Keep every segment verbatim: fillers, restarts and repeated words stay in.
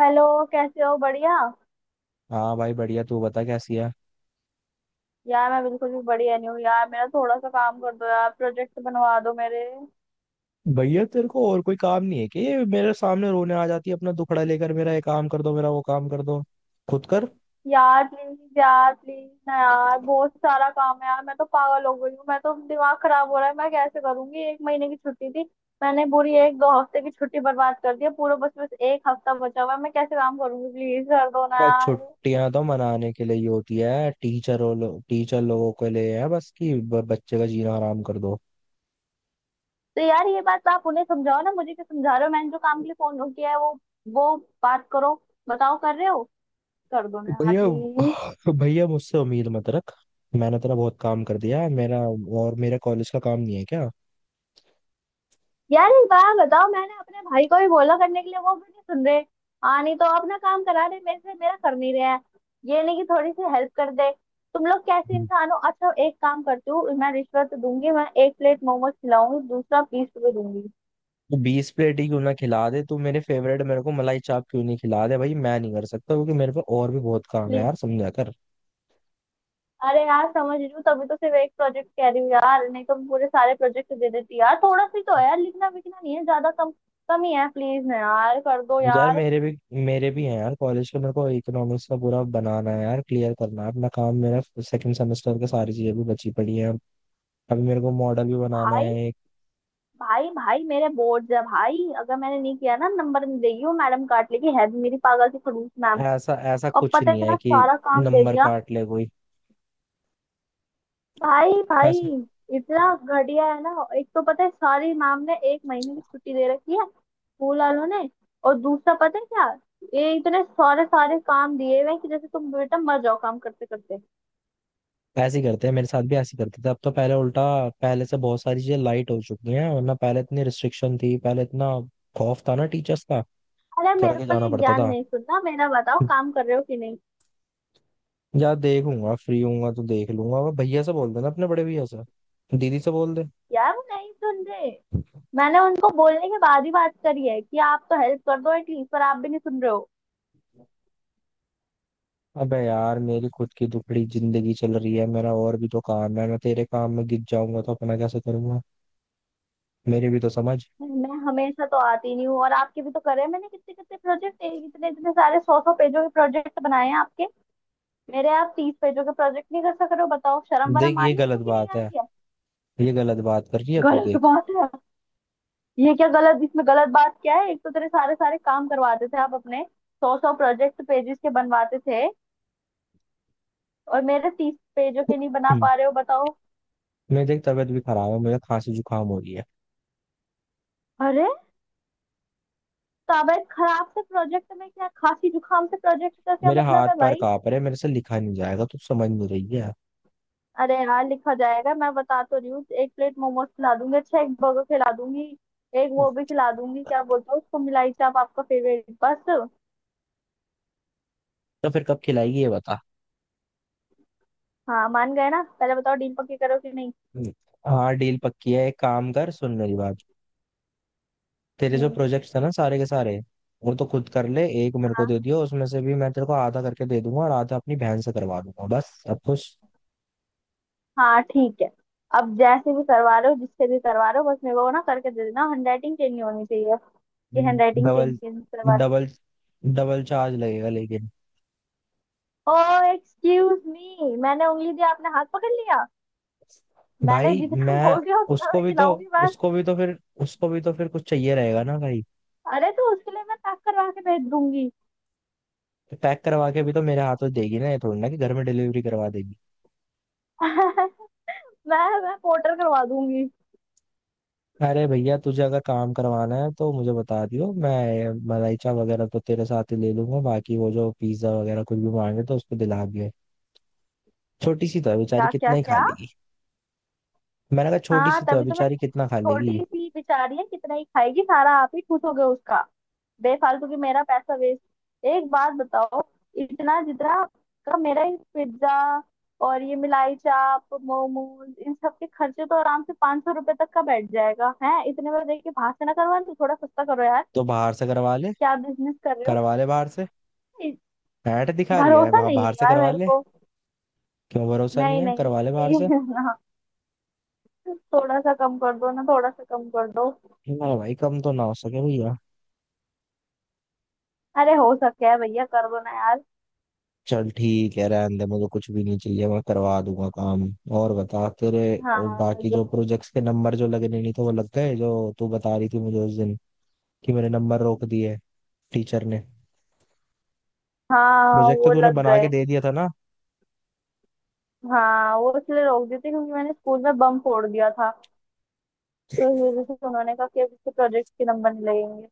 Hello. कैसे हो? बढ़िया। हाँ भाई, बढ़िया। तू बता, कैसी है। यार मैं बिल्कुल भी बढ़िया नहीं हूँ यार। मेरा थोड़ा सा काम कर दो यार, प्रोजेक्ट बनवा दो मेरे। भैया, तेरे को और कोई काम नहीं है कि ये मेरे सामने रोने आ जाती है अपना दुखड़ा लेकर, मेरा ये काम कर दो, मेरा वो काम कर दो। खुद कर। यार प्लीज यार, प्लीज ना यार, बहुत सारा काम है यार। मैं तो पागल हो गई हूँ, मैं तो दिमाग खराब हो रहा है। मैं कैसे करूंगी? एक महीने की छुट्टी थी, मैंने पूरी एक दो हफ्ते की छुट्टी बर्बाद कर दी है। पूरा बस बस एक हफ्ता बचा हुआ है। मैं कैसे काम करूंगी? प्लीज कर दो ना बस यार। छुट्टियां तो मनाने के लिए ही होती है टीचर, और लो, टीचर लोगों के लिए है बस कि ब- बच्चे का जीना हराम कर दो। तो यार ये बात तो आप उन्हें समझाओ ना, मुझे क्या समझा रहे हो? मैंने जो काम के लिए फोन किया है वो वो बात करो, बताओ कर रहे हो? कर दो ना यार, भैया, प्लीज। भैया मुझसे उम्मीद मत रख। मैंने तेरा बहुत काम कर दिया है। मेरा और मेरे कॉलेज का काम नहीं है क्या? यार एक बार बताओ, मैंने अपने भाई को भी बोला करने के लिए, वो भी नहीं सुन रहे। हाँ, नहीं तो अपना काम करा रहे मेरे से, मेरा कर नहीं रहे हैं। ये नहीं कि थोड़ी सी हेल्प कर दे। तुम लोग कैसे इंसान हो? अच्छा, एक काम करती हूँ, मैं रिश्वत दूंगी, मैं एक प्लेट मोमोज खिलाऊंगी, दूसरा बीस रुपए दूंगी। तो बीस प्लेट ही क्यों ना खिला दे तू मेरे फेवरेट, मेरे को मलाई चाप क्यों नहीं खिला दे? भाई, मैं नहीं कर सकता क्योंकि मेरे पे और भी बहुत काम है प्लीज। यार, समझा कर। अरे यार समझ रही हूँ, तभी तो सिर्फ एक प्रोजेक्ट कह रही हूँ यार, नहीं तो मैं पूरे सारे प्रोजेक्ट दे देती यार। थोड़ा सी तो है यार, लिखना विखना नहीं है ज्यादा, कम कम ही है। प्लीज ना यार, कर दो यार यार। मेरे भी, मेरे भी हैं यार कॉलेज के। मेरे को इकोनॉमिक्स का पूरा बनाना है यार, क्लियर करना है अपना काम मेरा। सेकंड सेमेस्टर का सारी चीजें भी बची पड़ी हैं। अभी मेरे को मॉडल भी बनाना भाई है एक। भाई, भाई मेरे बोर्ड है भाई। अगर मैंने नहीं किया ना, नंबर नहीं देगी वो मैडम, काट लेगी। है भी मेरी पागल सी खड़ूस मैम। ऐसा ऐसा और कुछ पता है, नहीं है इतना कि सारा काम दे नंबर दिया! काट ले कोई भाई भाई, ऐसा। इतना घटिया है ना। एक तो पता है, सारी मैम ने एक महीने की छुट्टी दे रखी है, स्कूल वालों ने। और दूसरा पता है क्या, ये इतने सारे सारे काम दिए हुए हैं कि जैसे तुम बेटा मर जाओ काम करते करते। ऐसे ही करते हैं, मेरे साथ भी ऐसे ही करते थे। अब तो पहले उल्टा, पहले से बहुत सारी चीजें लाइट हो चुकी हैं, वरना पहले इतनी रिस्ट्रिक्शन थी, पहले इतना खौफ था ना टीचर्स का, अरे मेरे करके को जाना ये पड़ता ज्ञान था। नहीं सुनना, मेरा बताओ काम कर रहे हो कि नहीं? यार, देखूंगा, फ्री होऊंगा तो देख लूंगा। वो भैया से बोल देना, अपने बड़े भैया से, दीदी से बोल दे। यार वो नहीं सुन रहे। मैंने उनको बोलने के बाद ही बात करी है कि आप तो हेल्प कर दो एटलीस्ट, पर आप भी नहीं सुन रहे हो। अबे यार, मेरी खुद की दुखड़ी जिंदगी चल रही है, मेरा और भी तो काम है। मैं तेरे काम में गिर जाऊंगा तो अपना कैसे करूंगा? मेरी भी तो समझ। मैं हमेशा तो आती नहीं हूँ, और आपके भी तो करे हैं मैंने कितने कितने प्रोजेक्ट, इतने इतने सारे सौ सौ पेजों के प्रोजेक्ट बनाए हैं आपके। मेरे आप तीस पेजों के प्रोजेक्ट नहीं कर सक रहे हो? बताओ, शर्म देख, वरम आ ये रही है गलत आपको कि नहीं बात आ है, रही है? ये गलत बात कर रही है तू, गलत देख। बात है। ये क्या गलत, इसमें गलत बात क्या है? एक तो तेरे सारे सारे काम करवाते थे आप अपने, सौ सौ प्रोजेक्ट पेजेस के बनवाते थे, और मेरे तीस पेजों के नहीं बना हम्म। पा रहे हो? बताओ। मैं देख, तबीयत भी खराब है, मुझे खांसी जुकाम हो रही है, अरे तबीयत खराब से प्रोजेक्ट में क्या? खांसी जुकाम से प्रोजेक्ट का क्या मेरे मतलब हाथ है पैर भाई? कांप रहे हैं, मेरे से लिखा नहीं जाएगा, तू समझ नहीं रही है। अरे यार लिखा जाएगा, मैं बता तो रही हूँ, एक प्लेट मोमोज खिला दूंगी, अच्छा एक बर्गर खिला दूंगी, एक वो भी खिला दूंगी। क्या बोलते हो उसको, मिलाई चाप, आपका फेवरेट, बस। तो फिर कब खिलाएगी ये बता? हाँ मान गए ना? पहले बताओ, डील पक्की करो कि नहीं। हाँ, डील पक्की है। एक काम कर, सुन मेरी बात। तेरे जो हम्म। प्रोजेक्ट थे ना सारे के सारे, वो तो खुद कर ले। एक मेरे को हाँ। दे दियो, उसमें से भी मैं तेरे को आधा करके दे दूंगा और आधा अपनी बहन से करवा दूंगा, बस। अब कुछ हाँ ठीक है। अब जैसे भी करवा रहे हो, जिससे भी करवा रहे हो, बस मेरे को ना करके दे देना, हैंड राइटिंग चेंज नहीं होनी चाहिए कि handwriting change double, change करवा दी। डबल डबल चार्ज लगेगा लेकिन। ओ एक्सक्यूज मी, मैंने उंगली दी आपने हाथ पकड़ लिया। मैंने भाई जितना मैं, बोल दिया उतना उसको मैं भी तो, खिलाऊंगी, बस। उसको भी तो फिर उसको भी तो फिर कुछ चाहिए रहेगा ना भाई। अरे तो उसके लिए मैं पैक करवा के भेज दूंगी। तो पैक करवा के भी तो मेरे हाथों देगी ना, ये थोड़ी ना कि घर में डिलीवरी करवा देगी। मैं मैं पोर्टर करवा दूंगी। अरे भैया, तुझे अगर काम करवाना है तो मुझे बता दियो, मैं मलाइचा वगैरह तो तेरे साथ ही ले लूंगा, बाकी वो जो पिज्जा वगैरह कुछ भी मांगे तो उसको दिला दियो। छोटी सी तो है बेचारी, क्या क्या कितना ही खा क्या? लेगी। मैंने कहा छोटी हाँ सी तो है तभी तो मैं बेचारी, कह रही कितना हूँ, खा लेगी। छोटी सी बेचारी है, कितना ही खाएगी, सारा आप ही खुश हो गए उसका। बेफालतू की, मेरा पैसा वेस्ट। एक बात बताओ, इतना जितना का मेरा ये पिज्जा और ये मिलाई चाप मोमोज, इन सब के खर्चे तो आराम से पांच सौ रुपए तक का बैठ जाएगा है। इतने में देखिए भाषण ना करवा, तो थोड़ा सस्ता करो यार। तो बाहर से करवा ले। क्या बिजनेस कर रहे करवा ले बाहर से। हो? ऐट दिखा रही है, भरोसा बा- नहीं है बाहर से यार करवा मेरे ले। को। क्यों भरोसा नहीं नहीं है? नहीं, करवा ले बाहर से। प्लीज ना, थोड़ा सा कम कर दो ना, थोड़ा सा कम कर दो। ना भाई, कम तो ना हो सके भैया। अरे हो सके है भैया, कर दो ना यार। चल ठीक है, रहने दे, मुझे कुछ भी नहीं चाहिए, मैं करवा दूंगा काम। और बता तेरे, और हाँ बाकी जो जो- प्रोजेक्ट्स के नंबर जो लगने नहीं थे वो लग गए, जो तू बता रही थी मुझे उस दिन कि मेरे नंबर रोक दिए टीचर ने? हाँ प्रोजेक्ट तो वो तूने लग बना के गए। दे दिया था ना? हाँ वो इसलिए रोक दी थी क्योंकि मैंने स्कूल में बम फोड़ दिया था। तो इस वजह से उन्होंने कहा कि अब इसके प्रोजेक्ट के नंबर नहीं लगेंगे।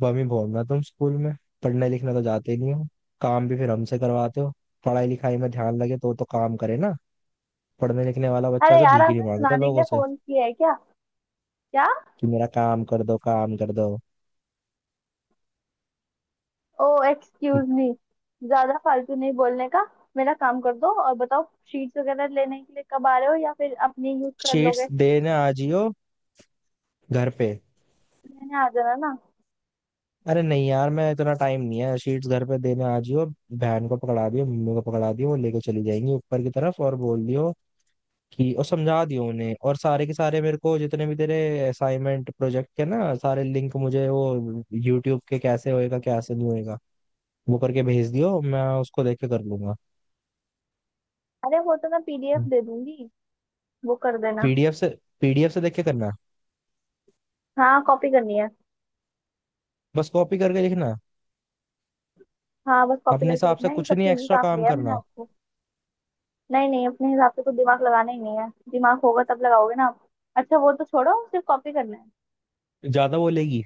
बम ही भोरना तुम स्कूल में, पढ़ने लिखने तो जाते ही नहीं हो, काम भी फिर हमसे करवाते हो। पढ़ाई लिखाई में ध्यान लगे तो तो काम करे ना। पढ़ने लिखने वाला बच्चा अरे से यार भीख नहीं आपने मांगता सुनाने के लोगों लिए से फोन किया है क्या? क्या? कि मेरा काम कर दो, काम कर दो। ओ एक्सक्यूज मी, ज्यादा फालतू नहीं बोलने का, मेरा काम कर दो। और बताओ, शीट्स वगैरह लेने के लिए कब आ रहे हो या फिर अपनी यूज कर शीट्स लोगे? देने आ जियो घर पे। लेने आ जाना ना। अरे नहीं यार, मैं, इतना टाइम नहीं है, शीट्स घर पे देने आ जियो। बहन को पकड़ा दियो, मम्मी को पकड़ा दियो, वो लेके चली जाएंगी ऊपर की तरफ, और बोल दियो कि, और समझा दियो उन्हें, और सारे के सारे मेरे को जितने भी तेरे असाइनमेंट प्रोजेक्ट के ना, सारे लिंक मुझे वो यूट्यूब के, कैसे होएगा कैसे नहीं होएगा वो करके भेज दियो, मैं उसको देख के कर लूंगा। अरे वो तो मैं पीडीएफ दे दूंगी, वो कर देना। पीडीएफ से पी डी एफ से देख के करना, हाँ, कॉपी करनी है। बस कॉपी करके लिखना, हाँ बस कॉपी अपने करके हिसाब से लिखना है, ये कुछ नहीं सबसे इजी एक्स्ट्रा काम काम दिया है मैंने करना। आपको। नहीं नहीं, अपने हिसाब से कुछ दिमाग लगाना ही नहीं है। दिमाग होगा तब लगाओगे ना आप। अच्छा वो तो छोड़ो, सिर्फ कॉपी करना है। ज्यादा बोलेगी,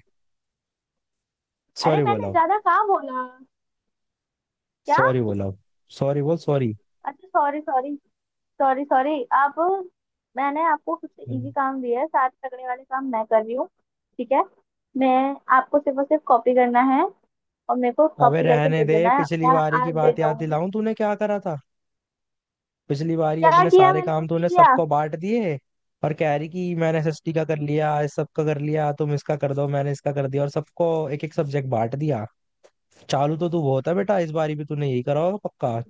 अरे सॉरी मैंने बोला, ज्यादा कहाँ बोला? क्या? सॉरी बोला, सॉरी बोल सॉरी। अच्छा सॉरी सॉरी। सॉरी सॉरी आप। मैंने आपको सबसे इजी काम दिया है, सारे तगड़े वाले काम मैं कर रही हूँ। ठीक है? मैं आपको सिर्फ और सिर्फ कॉपी करना है, और मेरे को अबे कॉपी करके रहने दे दे, देना है, पिछली मैं बारी की आज दे बात याद जाऊंगी। दिलाऊं तूने क्या करा था? पिछली बारी क्या अपने किया सारे मैंने, काम कुछ नहीं तूने किया। सबको बांट दिए और कह रही कि मैंने एस एस टी का कर लिया, इस सब का कर लिया, तुम इसका कर दो, मैंने इसका कर दिया, और सबको एक एक सब्जेक्ट बांट दिया। चालू तो तू बहुत है बेटा, इस बारी भी तूने यही करा होगा पक्का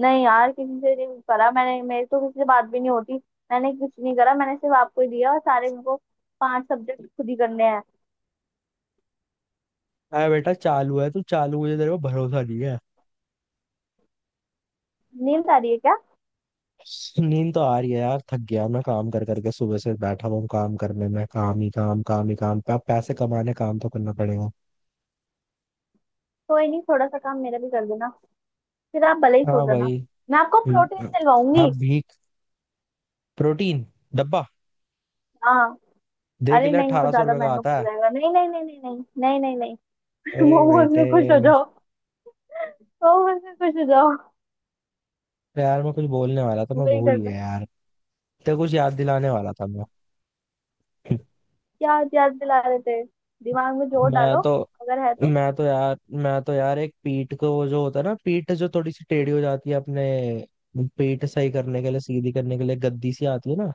नहीं यार किसी से नहीं करा मैंने, मेरी तो किसी से बात भी नहीं होती। मैंने कुछ नहीं करा, मैंने सिर्फ आपको ही दिया, और सारे मेरे को पांच सब्जेक्ट खुद ही करने हैं। है बेटा, चालू है तू, चालू, मुझे तेरे को भरोसा नहीं है। नींद आ रही है क्या? नींद तो आ रही है यार, थक गया मैं काम कर करके, सुबह से बैठा हुआ हूँ काम करने में, काम ही काम, काम ही काम, अब पैसे कमाने काम तो करना पड़ेगा। कोई नहीं, थोड़ा सा काम मेरा भी कर देना, फिर आप भले ही सो हाँ जाना। भाई। मैं आपको प्रोटीन हम्म, दिलवाऊंगी। अब भी प्रोटीन डब्बा, हाँ। देख अरे लिया, नहीं, वो अठारह सौ ज्यादा रुपये का महंगा पड़ आता है। जाएगा। नहीं नहीं नहीं नहीं नहीं नहीं नहीं नहीं। अरे मोमोज में बेटे, खुश हो जाओ, मोमोज में खुश हो जाओ। यार मैं कुछ बोलने वाला था, मैं वही भूल करना। गया यार, तो कुछ याद दिलाने वाला था मैं। क्या याद दिला रहे थे? दिमाग में जोर मैं डालो, तो अगर है तो। मैं तो यार मैं तो यार एक पीठ को वो जो होता है ना, पीठ जो थोड़ी सी टेढ़ी हो जाती है अपने, पीठ सही करने के लिए, सीधी करने के लिए गद्दी सी आती है ना,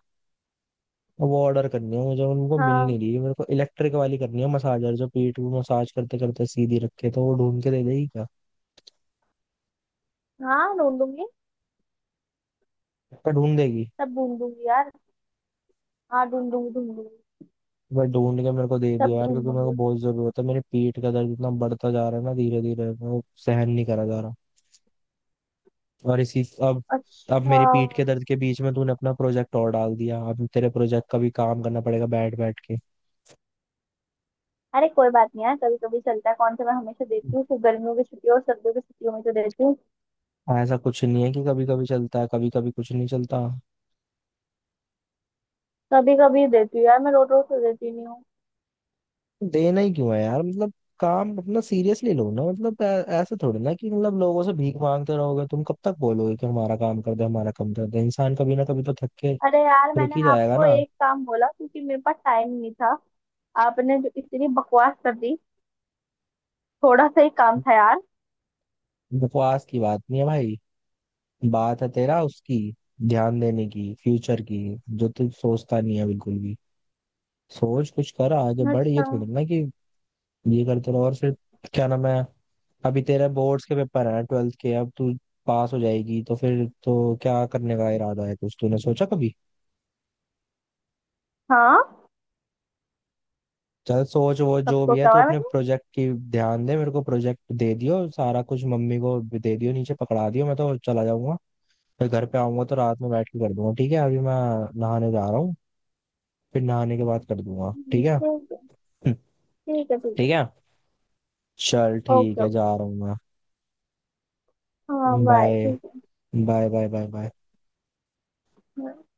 वो ऑर्डर करनी है मुझे, उनको मिल नहीं रही हाँ। मेरे को, इलेक्ट्रिक वाली करनी है, मसाजर जो पीठ को मसाज करते करते सीधी रखे, तो वो ढूंढ के दे देगी क्या? हाँ ढूंढूंगी। क्या ढूंढ देगी? सब ढूंढ लूंगी यार, हाँ ढूंढ लूंगी ढूंढ लूंगी। भाई ढूंढ के मेरे को दे दियो सब यार, ढूंढ क्योंकि मेरे को लूंगी। बहुत जरूरत है, मेरे पीठ का दर्द इतना बढ़ता जा रहा है ना धीरे धीरे, वो सहन नहीं करा जा रहा। और इसी अब अब अच्छा। मेरी पीठ के दर्द के बीच में तूने अपना प्रोजेक्ट और डाल दिया, अब तेरे प्रोजेक्ट का भी काम करना पड़ेगा बैठ बैठ के। अरे कोई बात नहीं यार, कभी कभी चलता है। कौन सा मैं हमेशा देती हूँ, सिर्फ गर्मियों की छुट्टियों और सर्दियों की छुट्टियों में तो देती हूँ। ऐसा कुछ नहीं है कि कभी कभी चलता है, कभी कभी कुछ नहीं चलता। कभी कभी देती हूँ यार, मैं रोज रोज तो देती नहीं हूँ। देना ही क्यों है यार, मतलब, काम अपना सीरियसली लो ना, मतलब ऐ- ऐसे थोड़ी ना कि, मतलब लोगों से भीख मांगते रहोगे तुम, कब तक बोलोगे कि हमारा काम कर दे, हमारा काम कर दे, इंसान कभी ना कभी तो थक के अरे यार, रुक मैंने ही जाएगा आपको ना। एक काम बोला क्योंकि मेरे पास टाइम नहीं था, आपने जो इतनी बकवास कर दी। थोड़ा सा ही काम था यार। बकवास की बात नहीं है भाई, बात है तेरा उसकी, ध्यान देने की, फ्यूचर की, जो तू सोचता नहीं है बिल्कुल भी। सोच, कुछ कर, आगे बढ़, ये अच्छा। थोड़ी ना कि ये करते रहो, और फिर क्या नाम है, अभी तेरे बोर्ड्स के पेपर हैं ट्वेल्थ के, अब तू पास हो जाएगी तो फिर तो क्या करने का इरादा है, कुछ तूने सोचा कभी? हाँ चल सोच वो सब जो भी है सोचा हुआ तू, है अपने मैंने। प्रोजेक्ट की ध्यान दे, मेरे को प्रोजेक्ट दे दियो सारा कुछ, मम्मी को दे दियो नीचे पकड़ा दियो, मैं तो चला जाऊंगा, फिर घर पे आऊंगा तो रात में बैठ के कर दूंगा, ठीक है? अभी मैं नहाने जा रहा हूँ, फिर नहाने के बाद कर दूंगा, हम्म, ठीक है। ठीक है। ठीक है ठीक है। ठीक है, चल ठीक ओके है, जा ओके। रहा हूँ मैं। हाँ बाय। बाय, ठीक बाय बाय बाय बाय। है